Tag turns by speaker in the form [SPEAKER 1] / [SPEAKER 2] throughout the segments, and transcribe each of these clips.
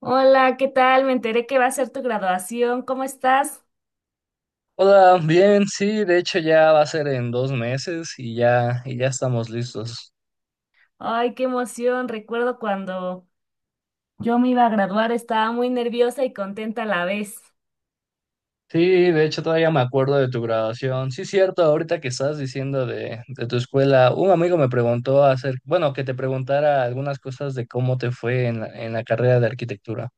[SPEAKER 1] Hola, ¿qué tal? Me enteré que va a ser tu graduación. ¿Cómo estás?
[SPEAKER 2] Hola, bien, sí, de hecho ya va a ser en 2 meses y ya, estamos listos.
[SPEAKER 1] Ay, qué emoción. Recuerdo cuando yo me iba a graduar, estaba muy nerviosa y contenta a la vez.
[SPEAKER 2] Sí, de hecho todavía me acuerdo de tu graduación. Sí, cierto, ahorita que estás diciendo de tu escuela, un amigo me preguntó hacer, bueno, que te preguntara algunas cosas de cómo te fue en la carrera de arquitectura.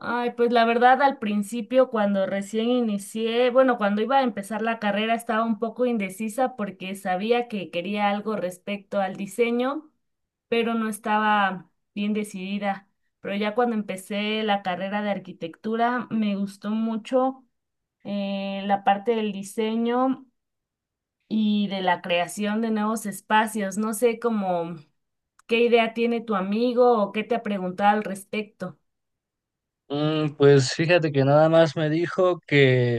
[SPEAKER 1] Ay, pues la verdad al principio cuando recién inicié, bueno, cuando iba a empezar la carrera estaba un poco indecisa porque sabía que quería algo respecto al diseño, pero no estaba bien decidida. Pero ya cuando empecé la carrera de arquitectura me gustó mucho la parte del diseño y de la creación de nuevos espacios. No sé cómo qué idea tiene tu amigo o qué te ha preguntado al respecto.
[SPEAKER 2] Pues fíjate que nada más me dijo que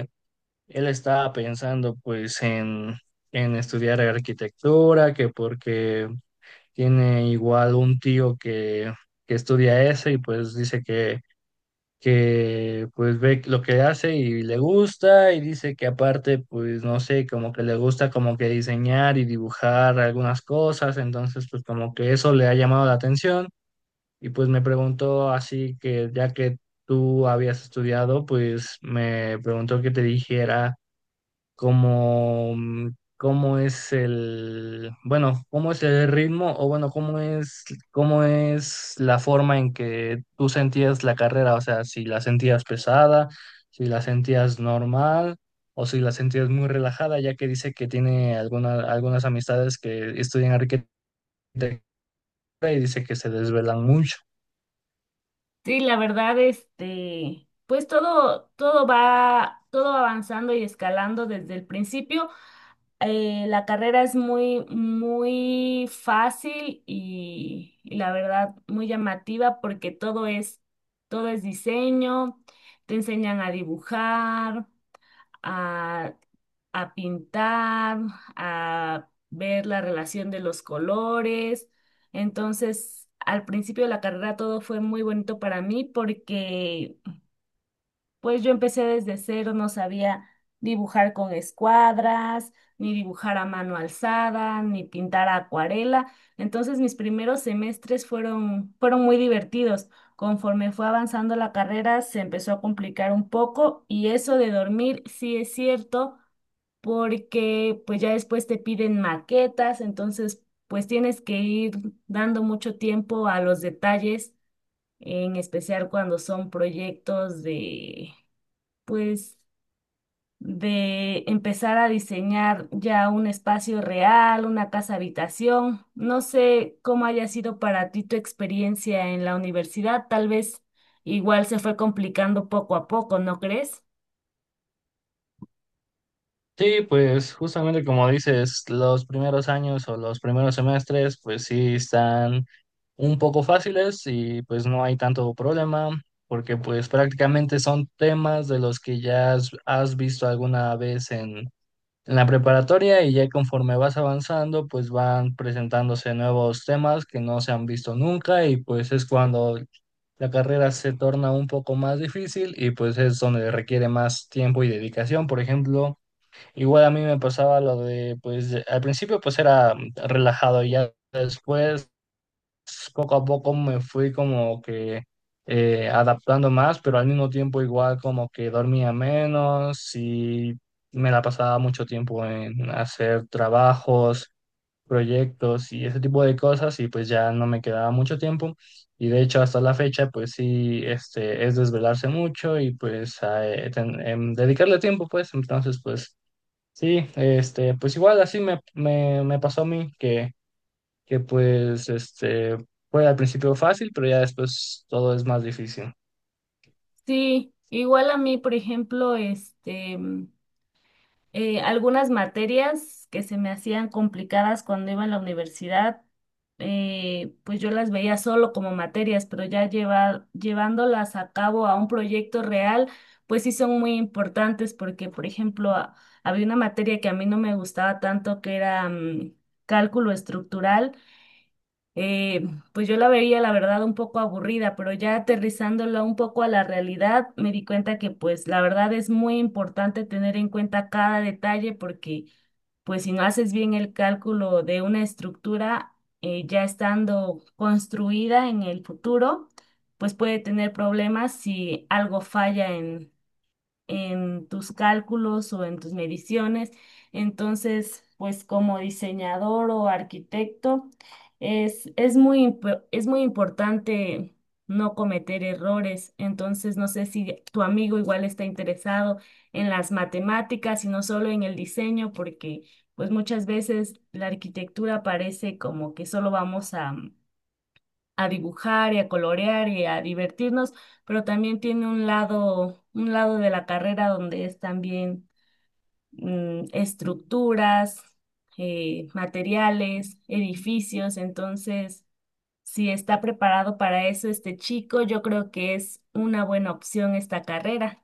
[SPEAKER 2] él estaba pensando pues en estudiar arquitectura, que porque tiene igual un tío que estudia eso y pues dice que pues ve lo que hace y le gusta, y dice que aparte pues no sé, como que le gusta como que diseñar y dibujar algunas cosas. Entonces pues como que eso le ha llamado la atención y pues me preguntó, así que ya que tú habías estudiado, pues me preguntó que te dijera como, cómo es el, bueno, cómo es el ritmo, o bueno, cómo es la forma en que tú sentías la carrera, o sea, si la sentías pesada, si la sentías normal o si la sentías muy relajada, ya que dice que tiene algunas amistades que estudian arquitectura y dice que se desvelan mucho.
[SPEAKER 1] Sí, la verdad, este, pues todo, todo avanzando y escalando desde el principio. La carrera es muy fácil y la verdad muy llamativa porque todo es diseño, te enseñan a dibujar, a, a pintar, a ver la relación de los colores. Entonces, al principio de la carrera todo fue muy bonito para mí porque pues yo empecé desde cero, no sabía dibujar con escuadras, ni dibujar a mano alzada, ni pintar a acuarela. Entonces mis primeros semestres fueron muy divertidos. Conforme fue avanzando la carrera, se empezó a complicar un poco y eso de dormir sí es cierto, porque pues ya después te piden maquetas, entonces pues tienes que ir dando mucho tiempo a los detalles, en especial cuando son proyectos de pues de empezar a diseñar ya un espacio real, una casa habitación. No sé cómo haya sido para ti tu experiencia en la universidad, tal vez igual se fue complicando poco a poco, ¿no crees?
[SPEAKER 2] Sí, pues justamente como dices, los primeros años o los primeros semestres, pues sí están un poco fáciles y pues no hay tanto problema, porque pues prácticamente son temas de los que ya has visto alguna vez en la preparatoria, y ya conforme vas avanzando, pues van presentándose nuevos temas que no se han visto nunca, y pues es cuando la carrera se torna un poco más difícil y pues es donde requiere más tiempo y dedicación. Por ejemplo, igual a mí me pasaba lo de, pues al principio pues era relajado y ya después poco a poco me fui como que, adaptando más, pero al mismo tiempo igual como que dormía menos y me la pasaba mucho tiempo en hacer trabajos, proyectos y ese tipo de cosas, y pues ya no me quedaba mucho tiempo, y de hecho hasta la fecha pues sí, este, es desvelarse mucho y pues dedicarle tiempo, pues entonces pues... Sí, este, pues igual así me, me pasó a mí, que pues este, fue al principio fácil, pero ya después todo es más difícil.
[SPEAKER 1] Sí, igual a mí, por ejemplo, algunas materias que se me hacían complicadas cuando iba en la universidad, pues yo las veía solo como materias, pero ya llevándolas a cabo a un proyecto real, pues sí son muy importantes porque, por ejemplo, había una materia que a mí no me gustaba tanto que era cálculo estructural eh, pues yo la veía, la verdad, un poco aburrida, pero ya aterrizándola un poco a la realidad, me di cuenta que pues la verdad es muy importante tener en cuenta cada detalle porque pues si no haces bien el cálculo de una estructura ya estando construida en el futuro, pues puede tener problemas si algo falla en tus cálculos o en tus mediciones. Entonces, pues como diseñador o arquitecto, es muy, es muy importante no cometer errores. Entonces, no sé si tu amigo igual está interesado en las matemáticas y no solo en el diseño, porque pues muchas veces la arquitectura parece como que solo vamos a dibujar y a colorear y a divertirnos, pero también tiene un lado de la carrera donde es también estructuras, materiales, edificios, entonces si está preparado para eso este chico, yo creo que es una buena opción esta carrera.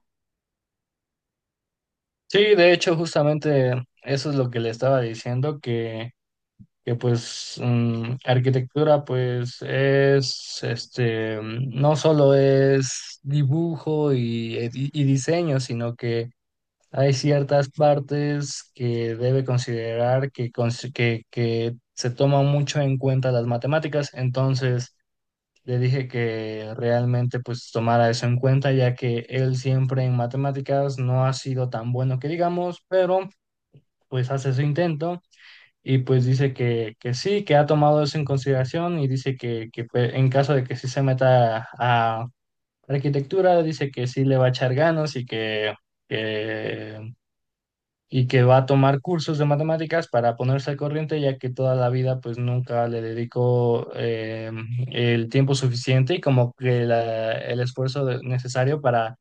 [SPEAKER 2] Sí, de hecho, justamente eso es lo que le estaba diciendo, que pues, arquitectura pues es, este, no solo es dibujo y diseño, sino que hay ciertas partes que debe considerar que se toman mucho en cuenta las matemáticas. Entonces le dije que realmente pues tomara eso en cuenta, ya que él siempre en matemáticas no ha sido tan bueno que digamos, pero pues hace su intento, y pues dice que sí, que ha tomado eso en consideración, y dice que pues, en caso de que sí se meta a arquitectura, dice que sí le va a echar ganas que y que va a tomar cursos de matemáticas para ponerse al corriente, ya que toda la vida pues nunca le dedicó, el tiempo suficiente, y como que el esfuerzo necesario para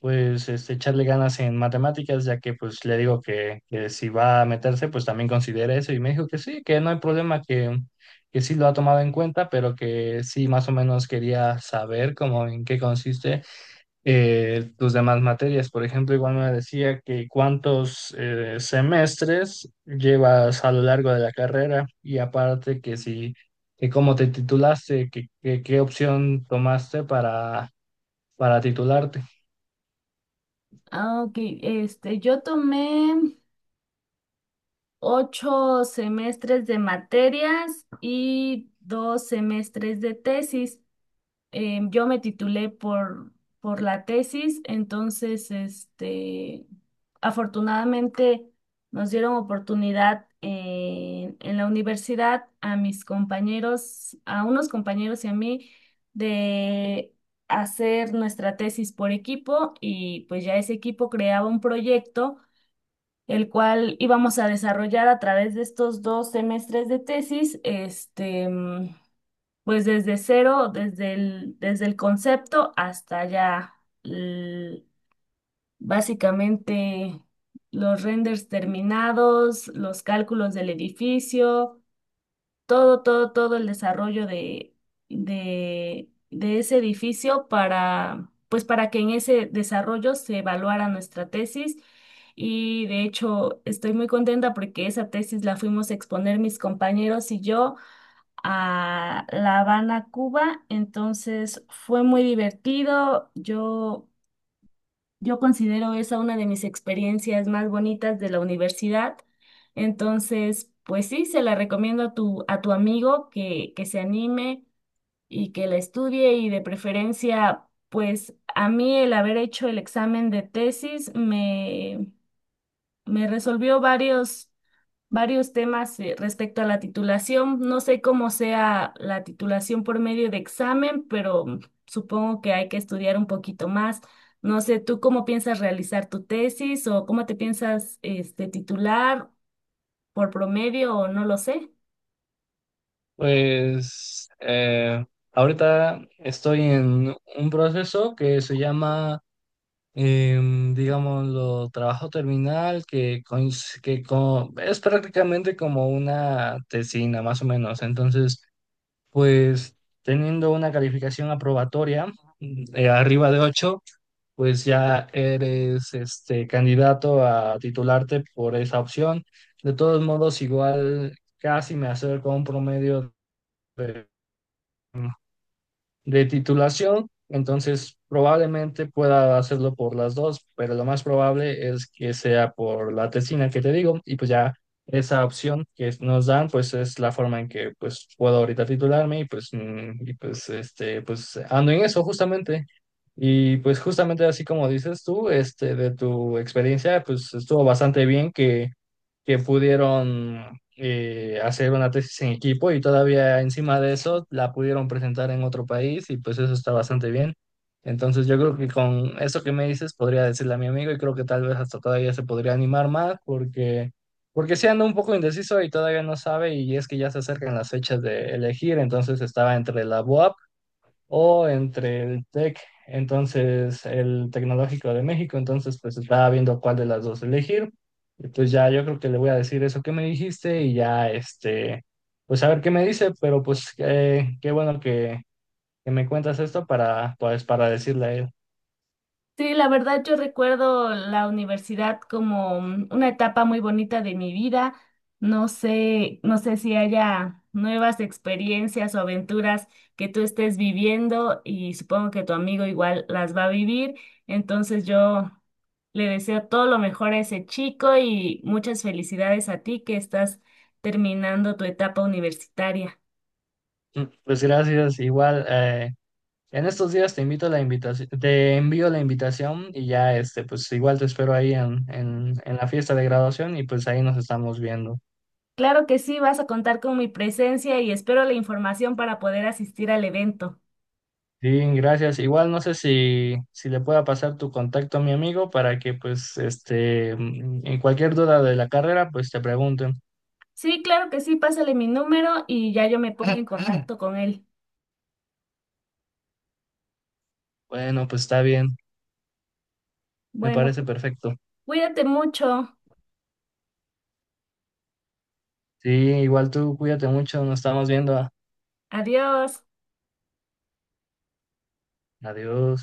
[SPEAKER 2] pues este, echarle ganas en matemáticas, ya que pues le digo que si va a meterse pues también considera eso, y me dijo que sí, que no hay problema, que sí lo ha tomado en cuenta, pero que sí más o menos quería saber como en qué consiste, tus demás materias. Por ejemplo, igual me decía que cuántos, semestres llevas a lo largo de la carrera, y aparte que si, que cómo te titulaste, qué opción tomaste para titularte.
[SPEAKER 1] Ah, ok, este, yo tomé 8 semestres de materias y 2 semestres de tesis. Yo me titulé por la tesis, entonces, este, afortunadamente nos dieron oportunidad en la universidad a mis compañeros, a unos compañeros y a mí, de hacer nuestra tesis por equipo y pues ya ese equipo creaba un proyecto el cual íbamos a desarrollar a través de estos 2 semestres de tesis, este, pues desde cero, desde el concepto hasta ya l- básicamente los renders terminados, los cálculos del edificio, todo el desarrollo de ese edificio para, pues para que en ese desarrollo se evaluara nuestra tesis. Y de hecho estoy muy contenta porque esa tesis la fuimos a exponer mis compañeros y yo a La Habana, Cuba. Entonces fue muy divertido. Yo considero esa una de mis experiencias más bonitas de la universidad. Entonces, pues sí, se la recomiendo a tu amigo que se anime y que la estudie y de preferencia, pues a mí el haber hecho el examen de tesis me resolvió varios temas respecto a la titulación. No sé cómo sea la titulación por medio de examen, pero supongo que hay que estudiar un poquito más. No sé, ¿tú cómo piensas realizar tu tesis o cómo te piensas este, titular por promedio o no lo sé?
[SPEAKER 2] Pues, ahorita estoy en un proceso que se llama, digámoslo, trabajo terminal, que es prácticamente como una tesina, más o menos. Entonces, pues teniendo una calificación aprobatoria, arriba de 8, pues ya eres este candidato a titularte por esa opción. De todos modos, igual casi me acerco a un promedio de titulación, entonces probablemente pueda hacerlo por las dos, pero lo más probable es que sea por la tesina que te digo, y pues ya esa opción que nos dan pues es la forma en que pues puedo ahorita titularme, y pues, y pues este pues ando en eso justamente. Y pues justamente así como dices tú, este de tu experiencia, pues estuvo bastante bien que pudieron, hacer una tesis en equipo y todavía encima de eso la pudieron presentar en otro país, y pues eso está bastante bien. Entonces yo creo que con eso que me dices podría decirle a mi amigo, y creo que tal vez hasta todavía se podría animar más porque sí anda un poco indeciso y todavía no sabe, y es que ya se acercan las fechas de elegir, entonces estaba entre la BUAP o entre el TEC, entonces el Tecnológico de México, entonces pues estaba viendo cuál de las dos elegir. Y pues ya yo creo que le voy a decir eso que me dijiste, y ya este, pues a ver qué me dice, pero pues, qué bueno que me cuentas esto para pues para decirle a él.
[SPEAKER 1] Sí, la verdad yo recuerdo la universidad como una etapa muy bonita de mi vida. No sé si haya nuevas experiencias o aventuras que tú estés viviendo y supongo que tu amigo igual las va a vivir. Entonces yo le deseo todo lo mejor a ese chico y muchas felicidades a ti que estás terminando tu etapa universitaria.
[SPEAKER 2] Pues gracias, igual, en estos días te invito la invitación, te envío la invitación, y ya este, pues igual te espero ahí en, en la fiesta de graduación, y pues ahí nos estamos viendo.
[SPEAKER 1] Claro que sí, vas a contar con mi presencia y espero la información para poder asistir al evento.
[SPEAKER 2] Sí, gracias. Igual no sé si le pueda pasar tu contacto a mi amigo para que pues este, en cualquier duda de la carrera pues te pregunten.
[SPEAKER 1] Sí, claro que sí, pásale mi número y ya yo me pongo en contacto con él.
[SPEAKER 2] Bueno, pues está bien, me
[SPEAKER 1] Bueno,
[SPEAKER 2] parece perfecto.
[SPEAKER 1] cuídate mucho.
[SPEAKER 2] Sí, igual tú cuídate mucho, nos estamos viendo.
[SPEAKER 1] Adiós.
[SPEAKER 2] Adiós.